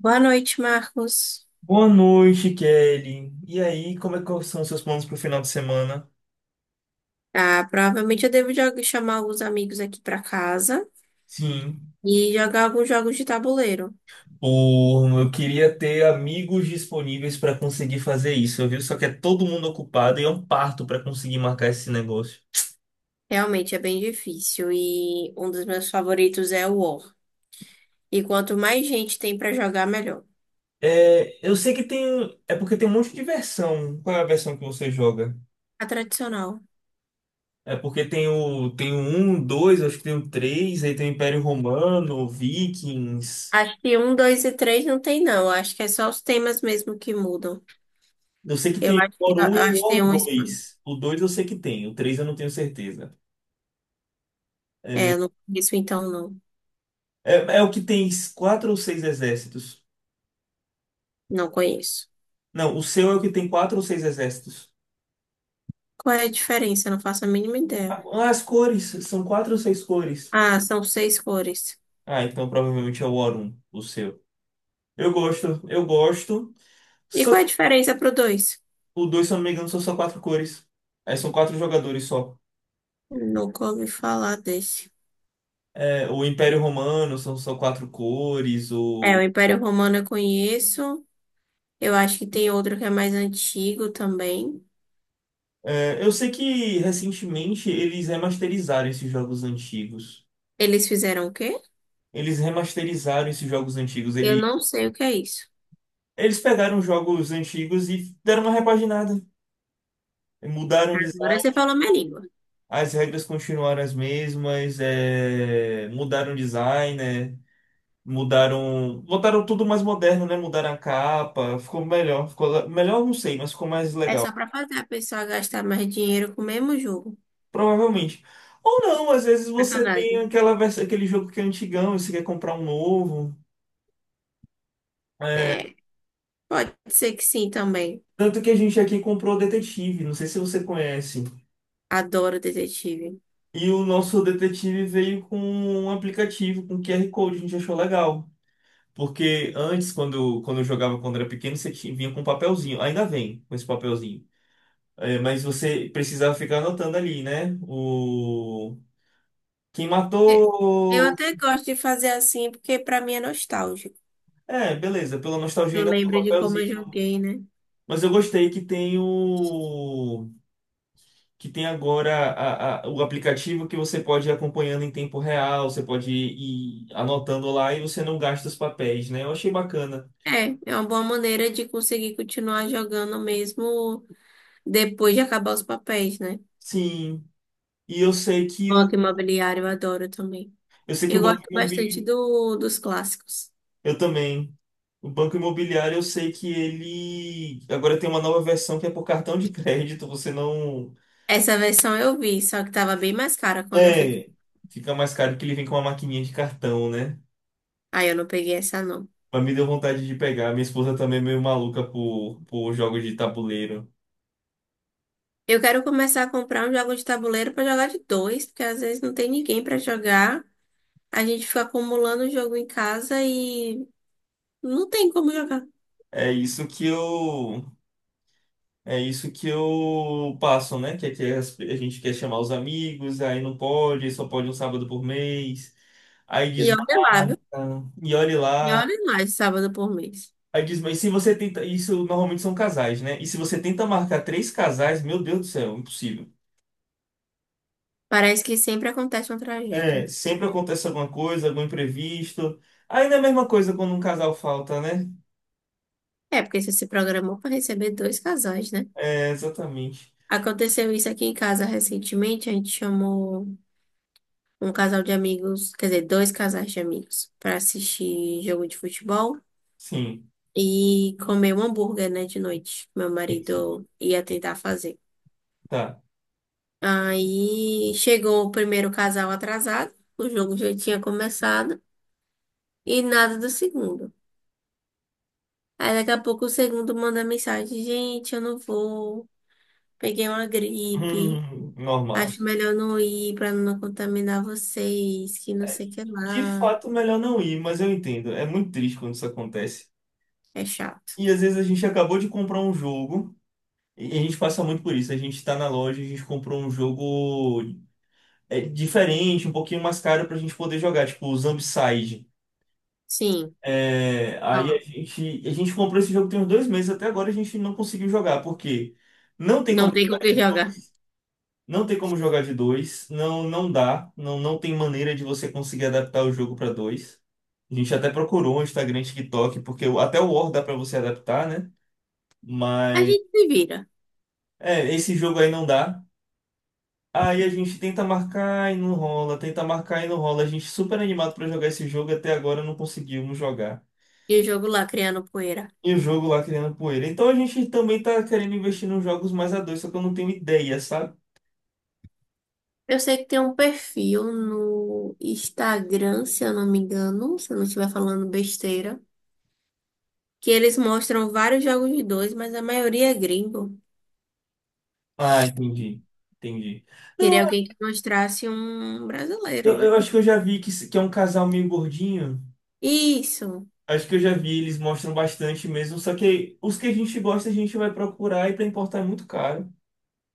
Boa noite, Marcos. Boa noite, Kelly. E aí, como é que são os seus planos para o final de semana? Ah, provavelmente eu devo chamar alguns amigos aqui para casa Sim. e jogar alguns jogos de tabuleiro. Pô, eu queria ter amigos disponíveis para conseguir fazer isso, viu? Só que é todo mundo ocupado e é um parto para conseguir marcar esse negócio. Realmente é bem difícil e um dos meus favoritos é o War. E quanto mais gente tem para jogar, melhor. É, eu sei que tem. É porque tem um monte de versão. Qual é a versão que você joga? A tradicional. É porque tem o 1, 2, acho que tem o 3, aí tem o Império Romano, Vikings. Acho que um, dois e três não tem, não. Acho que é só os temas mesmo que mudam. Eu sei que Eu tem acho, o que- War Um eu e o acho que War tem um. 2. O 2 eu sei que tem, o 3 eu não tenho certeza. É, eu não conheço, então não. É o que tem quatro ou seis exércitos. Não conheço. Não, o seu é o que tem quatro ou seis exércitos. Qual é a diferença? Eu não faço a mínima ideia. Ah, as cores, são quatro ou seis cores. Ah, são seis cores. Ah, então provavelmente é o Aurum, o seu. Eu gosto, eu gosto. E Só, qual é a diferença pro dois? o dois, se eu não me engano, são só quatro cores. É, são quatro jogadores só. Nunca ouvi falar desse. É, o Império Romano são só quatro cores. É, o Império Romano eu conheço. Eu acho que tem outro que é mais antigo também. Eu sei que recentemente eles remasterizaram esses jogos antigos. Eles fizeram o quê? Eles remasterizaram esses jogos antigos. Eu Eles não sei o que é isso. Eles pegaram jogos antigos e deram uma repaginada. Mudaram o Agora design, você falou minha língua. as regras continuaram as mesmas, é, mudaram o design, né? Mudaram. Botaram tudo mais moderno, né? Mudaram a capa, ficou melhor. Ficou melhor, eu não sei, mas ficou mais É só legal. pra fazer a pessoa gastar mais dinheiro com o mesmo jogo. Provavelmente. Ou não, às vezes você tem Sacanagem. aquela versão, aquele jogo que é antigão e você quer comprar um novo. É, pode ser que sim também. Tanto que a gente aqui comprou o Detetive, não sei se você conhece. Adoro detetive. E o nosso detetive veio com um aplicativo com QR Code, a gente achou legal. Porque antes, quando eu jogava quando era pequeno, você tinha, vinha com um papelzinho. Ainda vem com esse papelzinho. É, mas você precisava ficar anotando ali, né? Quem E- Eu matou. até gosto de fazer assim porque pra mim é nostálgico. É, beleza, pela nostalgia Eu ainda tem o lembro de como eu papelzinho. joguei, né? Mas eu gostei que tem o. que tem agora o aplicativo que você pode ir acompanhando em tempo real, você pode ir anotando lá e você não gasta os papéis, né? Eu achei bacana. É, é uma boa maneira de conseguir continuar jogando mesmo depois de acabar os papéis, né? Sim. E eu sei que o Banco Imobiliário, eu adoro também. eu sei que o Eu Banco gosto bastante Imobiliário, dos clássicos. eu também. O Banco Imobiliário, eu sei que ele agora tem uma nova versão que é por cartão de crédito, você não. Essa versão eu vi, só que tava bem mais cara quando eu fui. É, fica mais caro que ele vem com uma maquininha de cartão, né? Aí eu não peguei essa, não. Mas me deu vontade de pegar. Minha esposa também é meio maluca por jogos de tabuleiro. Eu quero começar a comprar um jogo de tabuleiro pra jogar de dois, porque às vezes não tem ninguém pra jogar. A gente fica acumulando o jogo em casa e não tem como jogar. É isso que eu É isso que eu passo, né? Que é a gente quer chamar os amigos, aí não pode, só pode um sábado por mês. Aí E olha lá, desmarca, viu? e olhe E lá. olha lá, de sábado por mês. Aí diz, mas se você tenta. Isso normalmente são casais, né? E se você tenta marcar três casais, meu Deus do céu, impossível. Parece que sempre acontece uma tragédia. É, sempre acontece alguma coisa, algum imprevisto. Ainda é a mesma coisa quando um casal falta, né? É, porque você se programou pra receber dois casais, né? É, exatamente. Aconteceu isso aqui em casa recentemente. A gente chamou um casal de amigos, quer dizer, dois casais de amigos, para assistir jogo de futebol Sim. e comer um hambúrguer, né, de noite. Meu Isso. marido ia tentar fazer. Tá. Aí chegou o primeiro casal atrasado, o jogo já tinha começado e nada do segundo. Aí daqui a pouco o segundo manda mensagem: Gente, eu não vou, peguei uma gripe. Normal. Acho melhor não ir para não contaminar vocês, que não sei o que De lá. fato, melhor não ir, mas eu entendo. É muito triste quando isso acontece. É chato. E às vezes a gente acabou de comprar um jogo, e a gente passa muito por isso. A gente tá na loja, a gente comprou um jogo, é, diferente, um pouquinho mais caro pra gente poder jogar, tipo o Zombicide. Sim. É, aí a Ah, gente, a gente comprou esse jogo tem uns dois meses, até agora a gente não conseguiu jogar, porque não tem como não tem com quem jogar. jogar. Não tem como jogar de dois, não não dá, não não tem maneira de você conseguir adaptar o jogo para dois. A gente até procurou um Instagram, TikTok, porque até o War dá para você adaptar, né? A Mas gente se vira. é, esse jogo aí não dá. Aí a gente tenta marcar e não rola, tenta marcar e não rola. A gente super animado para jogar esse jogo, até agora não conseguimos jogar. E eu jogo lá criando poeira. E o jogo lá criando poeira. Então a gente também tá querendo investir nos jogos mais a dois, só que eu não tenho ideia, sabe? Eu sei que tem um perfil no Instagram, se eu não me engano, se eu não estiver falando besteira, que eles mostram vários jogos de dois, mas a maioria é gringo. Ah, entendi. Entendi. Não. Queria alguém que mostrasse um Eu, brasileiro, né? eu acho que eu já vi que, se- que é um casal meio gordinho. Isso. Acho que eu já vi, eles mostram bastante mesmo. Só que os que a gente gosta, a gente vai procurar e pra importar é muito caro.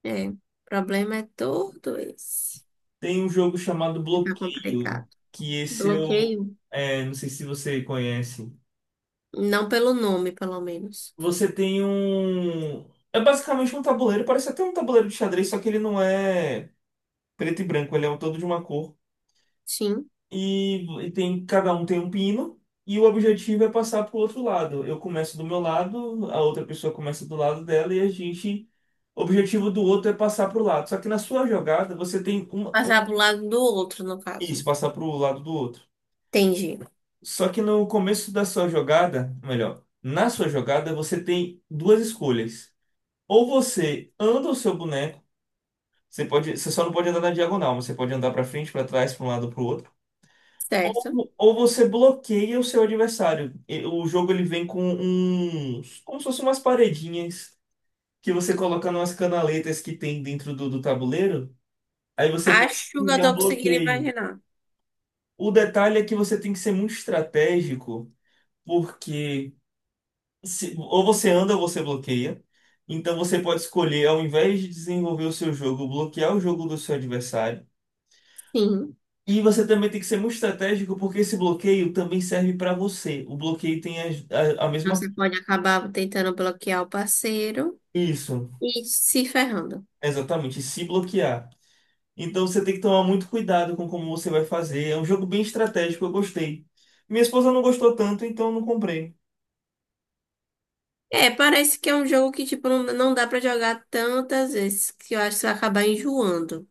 É. O problema é todo esse. Tem um jogo chamado Fica Bloqueio, complicado. que esse eu. Bloqueio. É, não sei se você conhece. Não pelo nome, pelo menos. Você tem um. É basicamente um tabuleiro, parece até um tabuleiro de xadrez, só que ele não é preto e branco, ele é um todo de uma cor. Sim. E tem, cada um tem um pino, e o objetivo é passar para o outro lado. Eu começo do meu lado, a outra pessoa começa do lado dela, e a gente. O objetivo do outro é passar para o lado. Só que na sua jogada, você tem uma, um-. Passar pro lado do outro, no caso. Isso, passar para o lado do outro. Entendi. Só que no começo da sua jogada, melhor, na sua jogada, você tem duas escolhas. Ou você anda o seu boneco, você pode, você só não pode andar na diagonal, mas você pode andar para frente, para trás, para um lado, para o outro. Certo. Ou você bloqueia o seu adversário. O jogo ele vem com uns, como se fossem umas paredinhas que você coloca nas canaletas que tem dentro do tabuleiro. Aí você pode Acho que eu enviar um tô conseguindo bloqueio. imaginar. O detalhe é que você tem que ser muito estratégico, porque ou você anda ou você bloqueia. Então você pode escolher, ao invés de desenvolver o seu jogo, bloquear o jogo do seu adversário. Sim. E você também tem que ser muito estratégico, porque esse bloqueio também serve para você. O bloqueio tem a Então, mesma. você pode acabar tentando bloquear o parceiro Isso, e se ferrando. exatamente, se bloquear. Então você tem que tomar muito cuidado com como você vai fazer. É um jogo bem estratégico, eu gostei. Minha esposa não gostou tanto, então eu não comprei. É, parece que é um jogo que, tipo, não, não dá pra jogar tantas vezes, que eu acho que você vai acabar enjoando.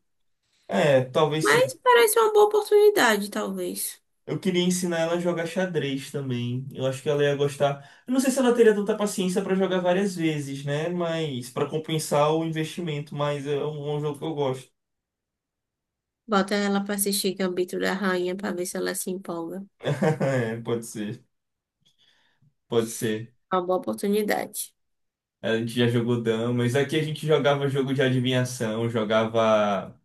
É, talvez sim. Mas parece uma boa oportunidade, talvez. Eu queria ensinar ela a jogar xadrez também. Eu acho que ela ia gostar. Eu não sei se ela teria tanta paciência para jogar várias vezes, né? Mas para compensar o investimento, mas é um jogo que eu gosto. Bota ela pra assistir Gambito da Rainha pra ver se ela se empolga. É, pode ser, pode ser. É uma boa oportunidade. A gente já jogou damas. Aqui a gente jogava jogo de adivinhação, jogava.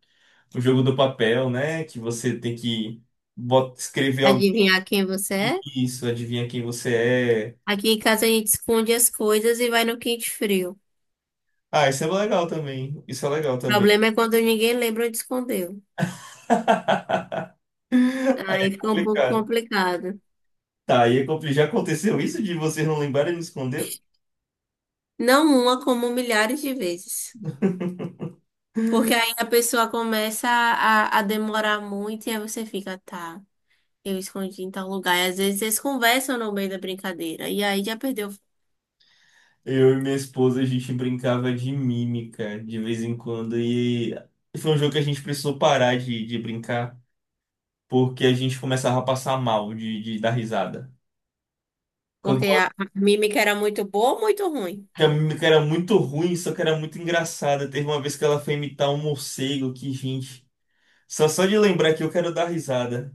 O jogo do papel, né? Que você tem que escrever alguém, Adivinhar quem você é? isso, adivinha quem você é. Aqui em casa a gente esconde as coisas e vai no quente frio. Ah, isso é legal também. Isso é legal O também. problema é quando ninguém lembra onde escondeu. Aí é Aí fica um pouco complicado. complicado. Tá, já aconteceu isso de vocês não lembrarem e me esconder? Não uma, como milhares de vezes. Porque aí a pessoa começa a demorar muito e aí você fica, tá, eu escondi em tal lugar. E às vezes eles conversam no meio da brincadeira. E aí já perdeu. Eu e minha esposa, a gente brincava de mímica de vez em quando. E foi um jogo que a gente precisou parar de brincar, porque a gente começava a passar mal de dar risada. Quando Porque a mímica era muito boa ou muito ruim? que era muito ruim, só que era muito engraçada. Teve uma vez que ela foi imitar um morcego, que gente. Só de lembrar que eu quero dar risada.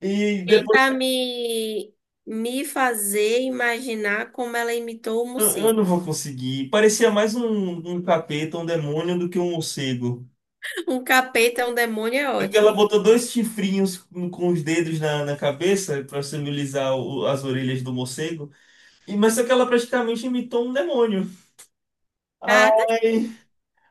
E depois Tenta me fazer imaginar como ela imitou o eu morcego. não vou conseguir. Parecia mais um capeta, um demônio, do que um morcego. Um capeta, um demônio é É, porque ela ótimo. botou dois chifrinhos com os dedos na cabeça para simbolizar as orelhas do morcego. E, mas só que ela praticamente imitou um demônio. Ai, Ah, tá.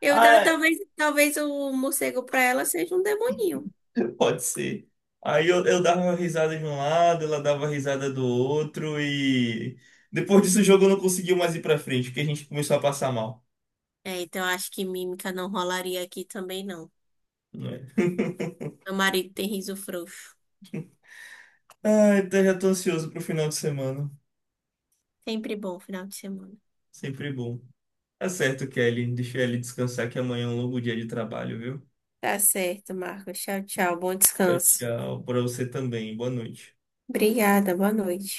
Eu, ai. talvez, talvez o morcego pra ela seja um demoninho. Pode ser. Aí eu dava uma risada de um lado, ela dava risada do outro e depois disso o jogo não conseguiu mais ir pra frente, porque a gente começou a passar mal. É, então eu acho que mímica não rolaria aqui também, não. Não é? Meu marido tem riso frouxo. Ah, então já tô ansioso pro final de semana. Sempre bom final de semana. Sempre bom. Tá certo, Kelly. Deixa ele descansar que amanhã é um longo dia de trabalho, viu? Tá certo, Marcos. Tchau, tchau. Bom Tchau, descanso. tchau. Pra você também. Boa noite. Obrigada, boa noite.